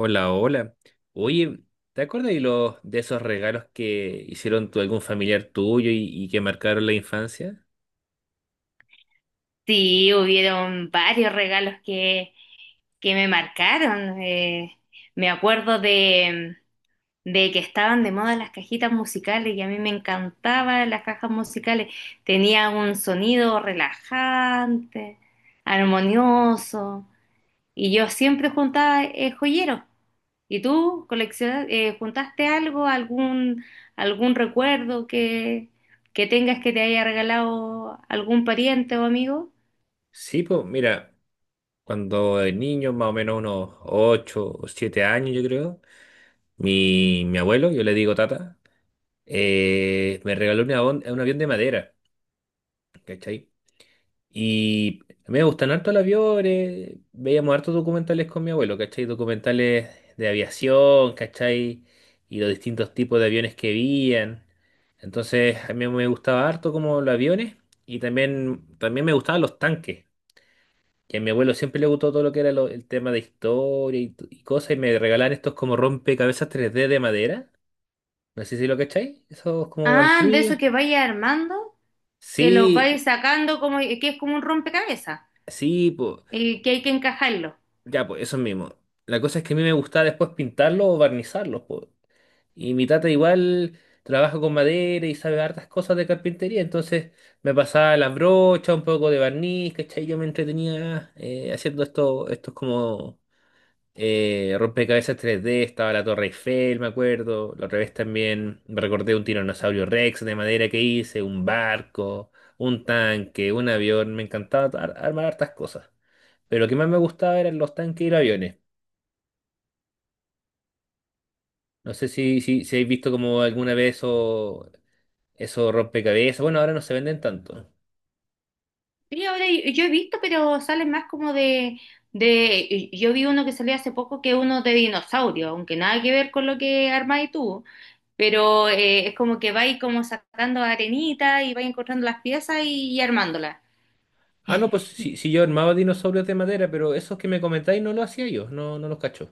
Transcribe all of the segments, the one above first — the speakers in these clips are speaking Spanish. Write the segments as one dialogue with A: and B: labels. A: Hola, hola. Oye, ¿te acuerdas de los de esos regalos que hicieron algún familiar tuyo y que marcaron la infancia?
B: Sí, hubieron varios regalos que me marcaron. Me acuerdo de que estaban de moda las cajitas musicales, y a mí me encantaban las cajas musicales. Tenía un sonido relajante, armonioso, y yo siempre juntaba joyeros. ¿Y tú coleccionas, juntaste algo, algún recuerdo que tengas que te haya regalado algún pariente o amigo?
A: Sí, pues mira, cuando de niño, más o menos unos 8, o 7 años, yo creo, mi abuelo, yo le digo tata. Me regaló un avión de madera, ¿cachai? Y a mí me gustan harto los aviones, veíamos hartos documentales con mi abuelo, ¿cachai? Documentales de aviación, ¿cachai? Y los distintos tipos de aviones que veían. Entonces a mí me gustaba harto como los aviones y también, también me gustaban los tanques, que a mi abuelo siempre le gustó todo lo que era el tema de historia y cosas y me regalaban estos como rompecabezas 3D de madera. No sé si lo cacháis, esos como
B: Ah, de eso
A: antiguos.
B: que vaya armando, que los
A: Sí,
B: vais sacando como que es como un rompecabezas,
A: sí, pues.
B: que hay que encajarlo.
A: Ya, pues, eso mismo. La cosa es que a mí me gustaba después pintarlos o barnizarlos, pues. Y mi tata igual trabaja con madera y sabe hartas cosas de carpintería, entonces me pasaba las brochas, un poco de barniz, ¿cachai? Yo me entretenía haciendo estos como rompecabezas 3D. Estaba la Torre Eiffel, me acuerdo. La otra vez también me recordé un tiranosaurio Rex de madera que hice, un barco, un tanque, un avión. Me encantaba armar hartas cosas. Pero lo que más me gustaba eran los tanques y los aviones. No sé si habéis visto como alguna vez eso rompecabezas. Bueno, ahora no se venden tanto.
B: Y ahora yo he visto, pero salen más como yo vi uno que salió hace poco, que es uno de dinosaurio, aunque nada que ver con lo que armáis tú, pero es como que vais como sacando arenita y vais encontrando las piezas y armándolas.
A: Ah, no, pues si yo armaba dinosaurios de madera, pero esos que me comentáis no lo hacía yo, no, no los cacho.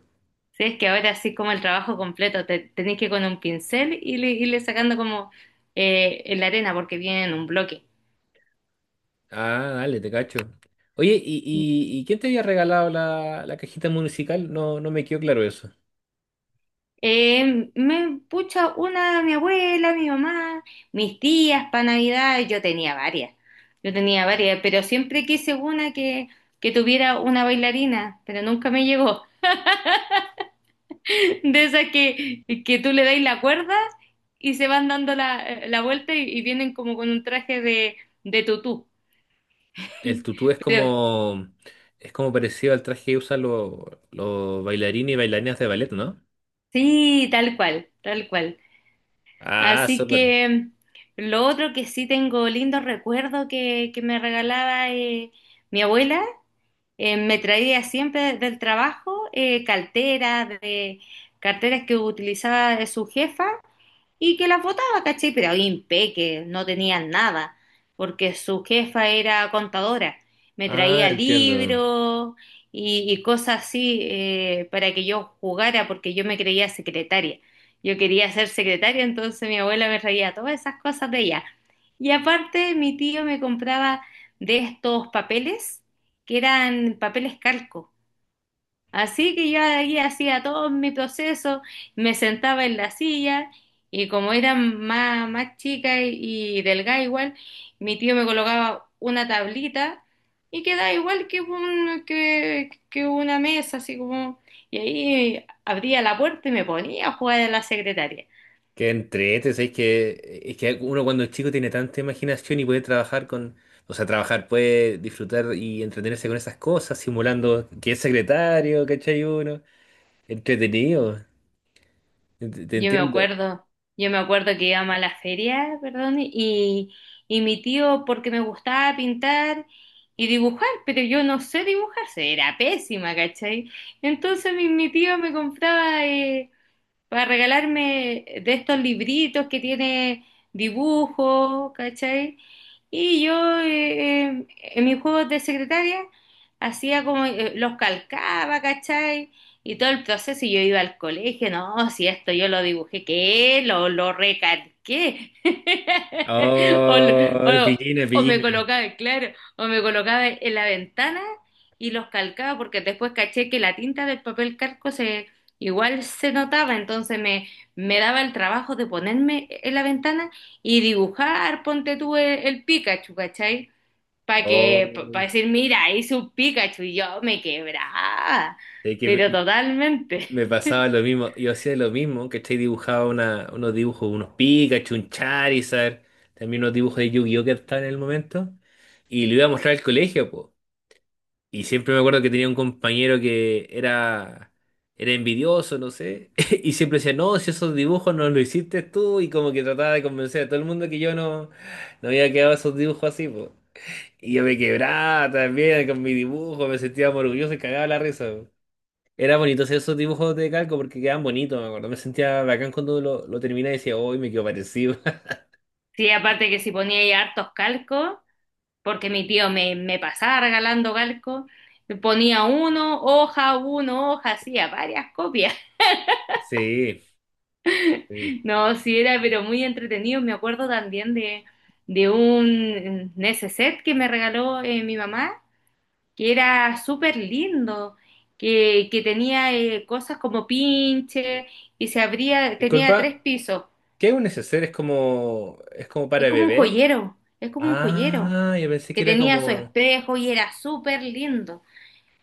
B: Sí, es que ahora sí como el trabajo completo, te, tenéis que ir con un pincel y le, irle sacando como la arena porque viene en un bloque.
A: Ah, dale, te cacho. Oye, ¿y quién te había regalado la cajita musical? No, no me quedó claro eso.
B: Me pucha una, mi abuela, mi mamá, mis tías para Navidad. Yo tenía varias, yo tenía varias, pero siempre quise una que tuviera una bailarina, pero nunca me llegó. De esas que tú le dais la cuerda y se van dando la, la vuelta y vienen como con un traje de tutú.
A: El tutú es
B: Pero
A: como, es como parecido al traje que usan los bailarines y bailarinas de ballet, ¿no?
B: sí, tal cual, tal cual.
A: Ah,
B: Así
A: súper.
B: que lo otro que sí tengo lindo recuerdo que me regalaba mi abuela. Me traía siempre del trabajo carteras, de, carteras que utilizaba su jefa y que las votaba, ¿cachai? Pero ahí impeque, no tenían nada, porque su jefa era contadora. Me
A: Ah,
B: traía
A: entiendo.
B: libros y cosas así para que yo jugara, porque yo me creía secretaria. Yo quería ser secretaria, entonces mi abuela me traía todas esas cosas de ella. Y aparte, mi tío me compraba de estos papeles, que eran papeles calco. Así que yo ahí hacía todo mi proceso, me sentaba en la silla y, como era más, más chica y delgada igual, mi tío me colocaba una tablita y quedaba igual que que una mesa, así como... Y ahí abría la puerta y me ponía a jugar a la secretaria.
A: Qué entrete, ¿sabes? Que, es que uno cuando es chico tiene tanta imaginación y puede trabajar con, o sea, trabajar, puede disfrutar y entretenerse con esas cosas, simulando que es secretario, ¿cachai uno? Entretenido.
B: Yo me
A: Entiendo.
B: acuerdo, yo me acuerdo que íbamos a la feria, perdón, y mi tío, porque me gustaba pintar y dibujar, pero yo no sé dibujar, era pésima, ¿cachai? Entonces mi tío me compraba para regalarme de estos libritos que tiene dibujo, ¿cachai? Y yo en mis juegos de secretaria hacía como los calcaba, ¿cachai? Y todo el proceso, y yo iba al colegio, no, si esto yo lo dibujé, ¿qué? Lo recalqué. O, lo-
A: Oh,
B: o-
A: pillina,
B: o me
A: pillina.
B: colocaba, claro, o me colocaba en la ventana y los calcaba, porque después caché que la tinta del papel calco se... Igual se notaba, entonces me daba el trabajo de ponerme en la ventana y dibujar, ponte tú el Pikachu, ¿cachai? Para
A: Oh,
B: que, para decir, mira, hice un Pikachu, y yo me quebraba,
A: es que
B: pero
A: me,
B: totalmente.
A: me pasaba lo mismo. Yo hacía lo mismo, ¿cachai? Dibujaba unos dibujos, unos Pikachu, un Charizard, también unos dibujos de Yu-Gi-Oh que estaban en el momento, y le iba a mostrar al colegio, po. Y siempre me acuerdo que tenía un compañero que era envidioso, no sé, y siempre decía, no, si esos dibujos no los hiciste tú, y como que trataba de convencer a todo el mundo que yo no había quedado esos dibujos así, po. Y yo me quebraba también con mi dibujo, me sentía más orgulloso y cagaba la risa, po. Era bonito hacer esos dibujos de calco porque quedaban bonitos, me acuerdo. Me sentía bacán cuando lo terminé y decía, hoy me quedo parecido.
B: Sí, aparte que si ponía ahí hartos calcos, porque mi tío me, me pasaba regalando calcos, ponía uno, hoja, hacía varias copias.
A: Sí, sí.
B: No, sí era, pero muy entretenido. Me acuerdo también de un neceser que me regaló mi mamá, que era súper lindo, que tenía cosas como pinche y se abría, tenía tres
A: Disculpa,
B: pisos.
A: ¿qué es un neceser? ¿Es como
B: Es
A: para
B: como un
A: bebé?
B: joyero, es como un joyero,
A: Ah, yo pensé que
B: que
A: era
B: tenía su
A: como.
B: espejo y era súper lindo.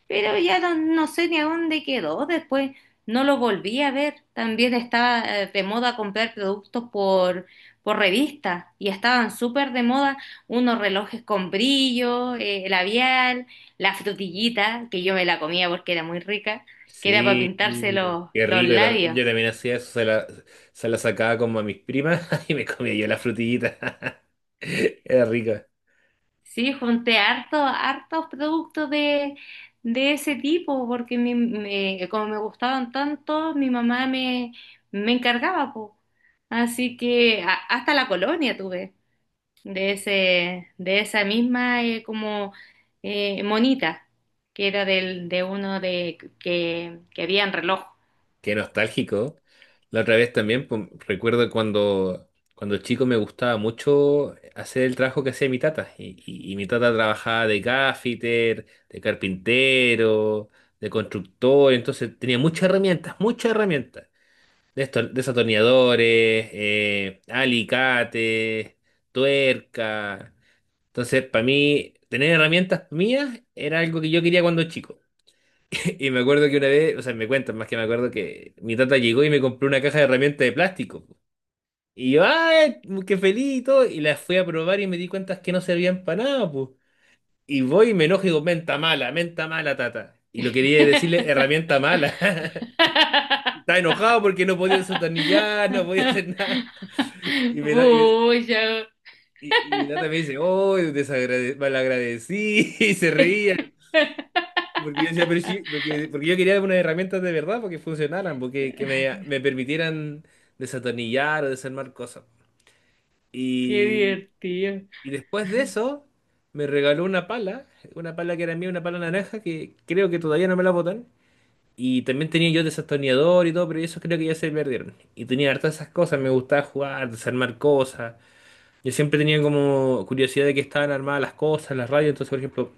B: Pero ya no, no sé ni a dónde quedó. Después no lo volví a ver. También estaba de moda comprar productos por revista, y estaban súper de moda unos relojes con brillo, labial, la frutillita, que yo me la comía porque era muy rica, que era para
A: Sí,
B: pintarse
A: qué
B: los
A: rico.
B: labios.
A: Yo también hacía eso, se la sacaba como a mis primas y me comía yo la frutillita. Era rico.
B: Sí, junté harto, hartos productos de ese tipo, porque como me gustaban tanto, mi mamá me encargaba, po. Así que hasta la colonia tuve de ese, de esa misma como monita, que era del, de uno de que había en reloj.
A: Qué nostálgico. La otra vez también, pues, recuerdo cuando chico me gustaba mucho hacer el trabajo que hacía mi tata. Y mi tata trabajaba de gaffiter, de carpintero, de constructor, entonces tenía muchas herramientas, muchas herramientas. Desto Desatornilladores, alicate, tuerca. Entonces, para mí, tener herramientas mías era algo que yo quería cuando chico. Y me acuerdo que una vez, o sea, me cuentan más que me acuerdo que mi tata llegó y me compró una caja de herramientas de plástico. Y yo, ¡ay! ¡Qué feliz! Y todo, y las fui a probar y me di cuenta que no servían para nada, pues. Y voy y me enojo y digo, menta mala, tata. Y lo quería decirle, herramienta mala. Estaba enojado porque no podía desatornillar, no podía hacer nada. Y me da- y me-
B: Pucha.
A: y mi tata me dice, oh, desagrade- malagradecí, y se reía. Porque yo decía, pero sí, porque yo quería unas herramientas de verdad, porque funcionaran, porque que me permitieran desatornillar o desarmar cosas.
B: Qué
A: Y,
B: divertido.
A: y después de eso, me regaló una pala que era mía, una pala naranja, que creo que todavía no me la botan. Y también tenía yo desatornillador y todo, pero eso creo que ya se perdieron. Y tenía hartas esas cosas, me gustaba jugar, desarmar cosas. Yo siempre tenía como curiosidad de qué estaban armadas las cosas, las radios. Entonces, por ejemplo,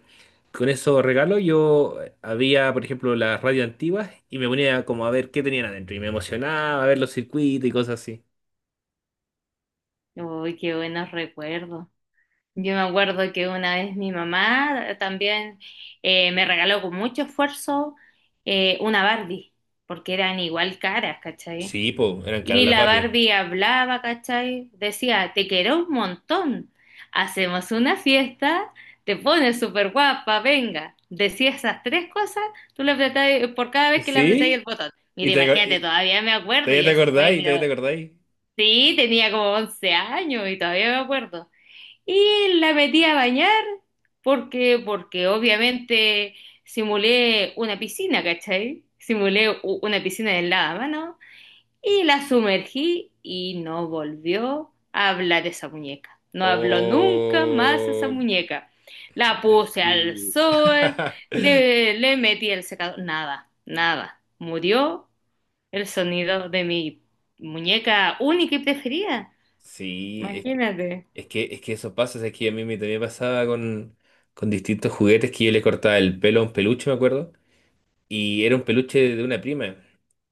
A: con esos regalos yo había, por ejemplo, las radios antiguas y me ponía como a ver qué tenían adentro. Y me emocionaba a ver los circuitos y cosas así.
B: Uy, qué buenos recuerdos. Yo me acuerdo que una vez mi mamá también me regaló con mucho esfuerzo una Barbie, porque eran igual caras, ¿cachai?
A: Sí, po, eran caras
B: Y
A: las
B: la
A: Barbie.
B: Barbie hablaba, ¿cachai? Decía, te quiero un montón, hacemos una fiesta, te pones súper guapa, venga. Decía esas tres cosas, tú le apretabas, por cada vez que le apretabas
A: ¿Sí?
B: el botón.
A: ¿Y,
B: Mira,
A: te, aco-
B: imagínate,
A: y-
B: todavía me acuerdo,
A: todavía
B: y
A: te
B: eso fue,
A: acordáis? ¿Todavía te
B: pero
A: acordáis?
B: sí, tenía como 11 años y todavía me acuerdo. Y la metí a bañar porque, porque obviamente simulé una piscina, ¿cachai? Simulé una piscina de lavamanos, y la sumergí, y no volvió a hablar esa muñeca. No habló nunca más esa
A: Oh,
B: muñeca. La puse al
A: sí.
B: sol, le metí el secador, nada, nada. Murió el sonido de mi muñeca única y preferida.
A: Sí,
B: Imagínate.
A: es que eso pasa, es que a mí me, también pasaba con distintos juguetes que yo le cortaba el pelo a un peluche, me acuerdo. Y era un peluche de una prima.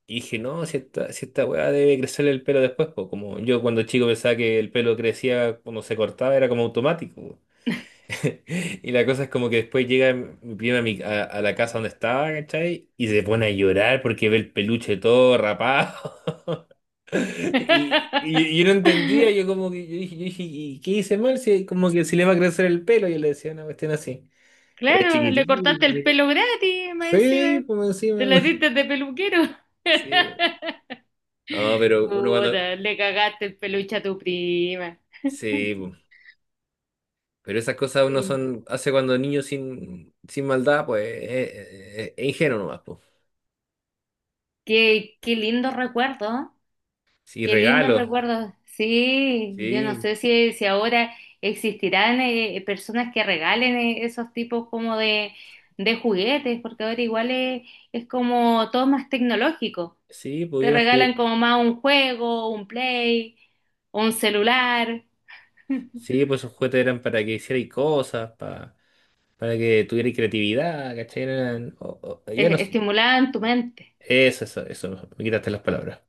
A: Y dije, no, si esta weá debe crecerle el pelo después, pues como yo cuando chico pensaba que el pelo crecía cuando se cortaba, era como automático, po. Y la cosa es como que después llega mi prima a la casa donde estaba, ¿cachai? Y se pone a llorar porque ve el peluche todo rapado. Y yo no entendía, yo como que yo dije, ¿y qué hice mal? Si, como que si le va a crecer el pelo, yo le decía una cuestión así. Era
B: Claro, le
A: chiquitito,
B: cortaste el
A: sí.
B: pelo gratis, más
A: Sí,
B: encima.
A: por
B: Te
A: encima.
B: la diste de peluquero.
A: Sí, pues. No, pero uno cuando.
B: Puta, le cagaste el peluche a tu prima.
A: Sí, po. Pero esas cosas uno
B: Sí.
A: son. Hace cuando niño sin maldad, pues es ingenuo nomás, pues.
B: Qué, qué lindo recuerdo, ¿eh?
A: Sí,
B: Qué lindo
A: regalos.
B: recuerdo. Sí, yo no
A: Sí,
B: sé si ahora existirán personas que regalen esos tipos como de juguetes, porque ahora igual es como todo más tecnológico.
A: sí,
B: Te
A: pudieron.
B: regalan como más un juego, un play, o un celular.
A: Sí, pues esos juguetes eran para que hicierais cosas, para que tuvierais creatividad, ¿cachai? Ya no.
B: e- estimulaban tu mente.
A: Eso, me quitaste las palabras.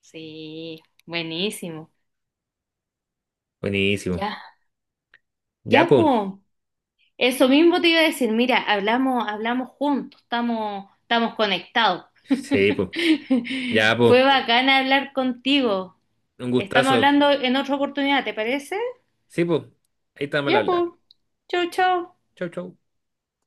B: Sí, buenísimo.
A: Buenísimo.
B: Ya,
A: Ya,
B: ya,
A: pues.
B: po. Eso mismo te iba a decir, mira, hablamos, hablamos juntos, estamos, estamos conectados.
A: Sí, pues. Ya, pues.
B: Fue bacán hablar contigo.
A: Un
B: Estamos
A: gustazo.
B: hablando en otra oportunidad, ¿te parece?
A: Sí, pues. Ahí estamos al
B: Ya, pues.
A: hablar.
B: Chau, chau.
A: Chau, chau.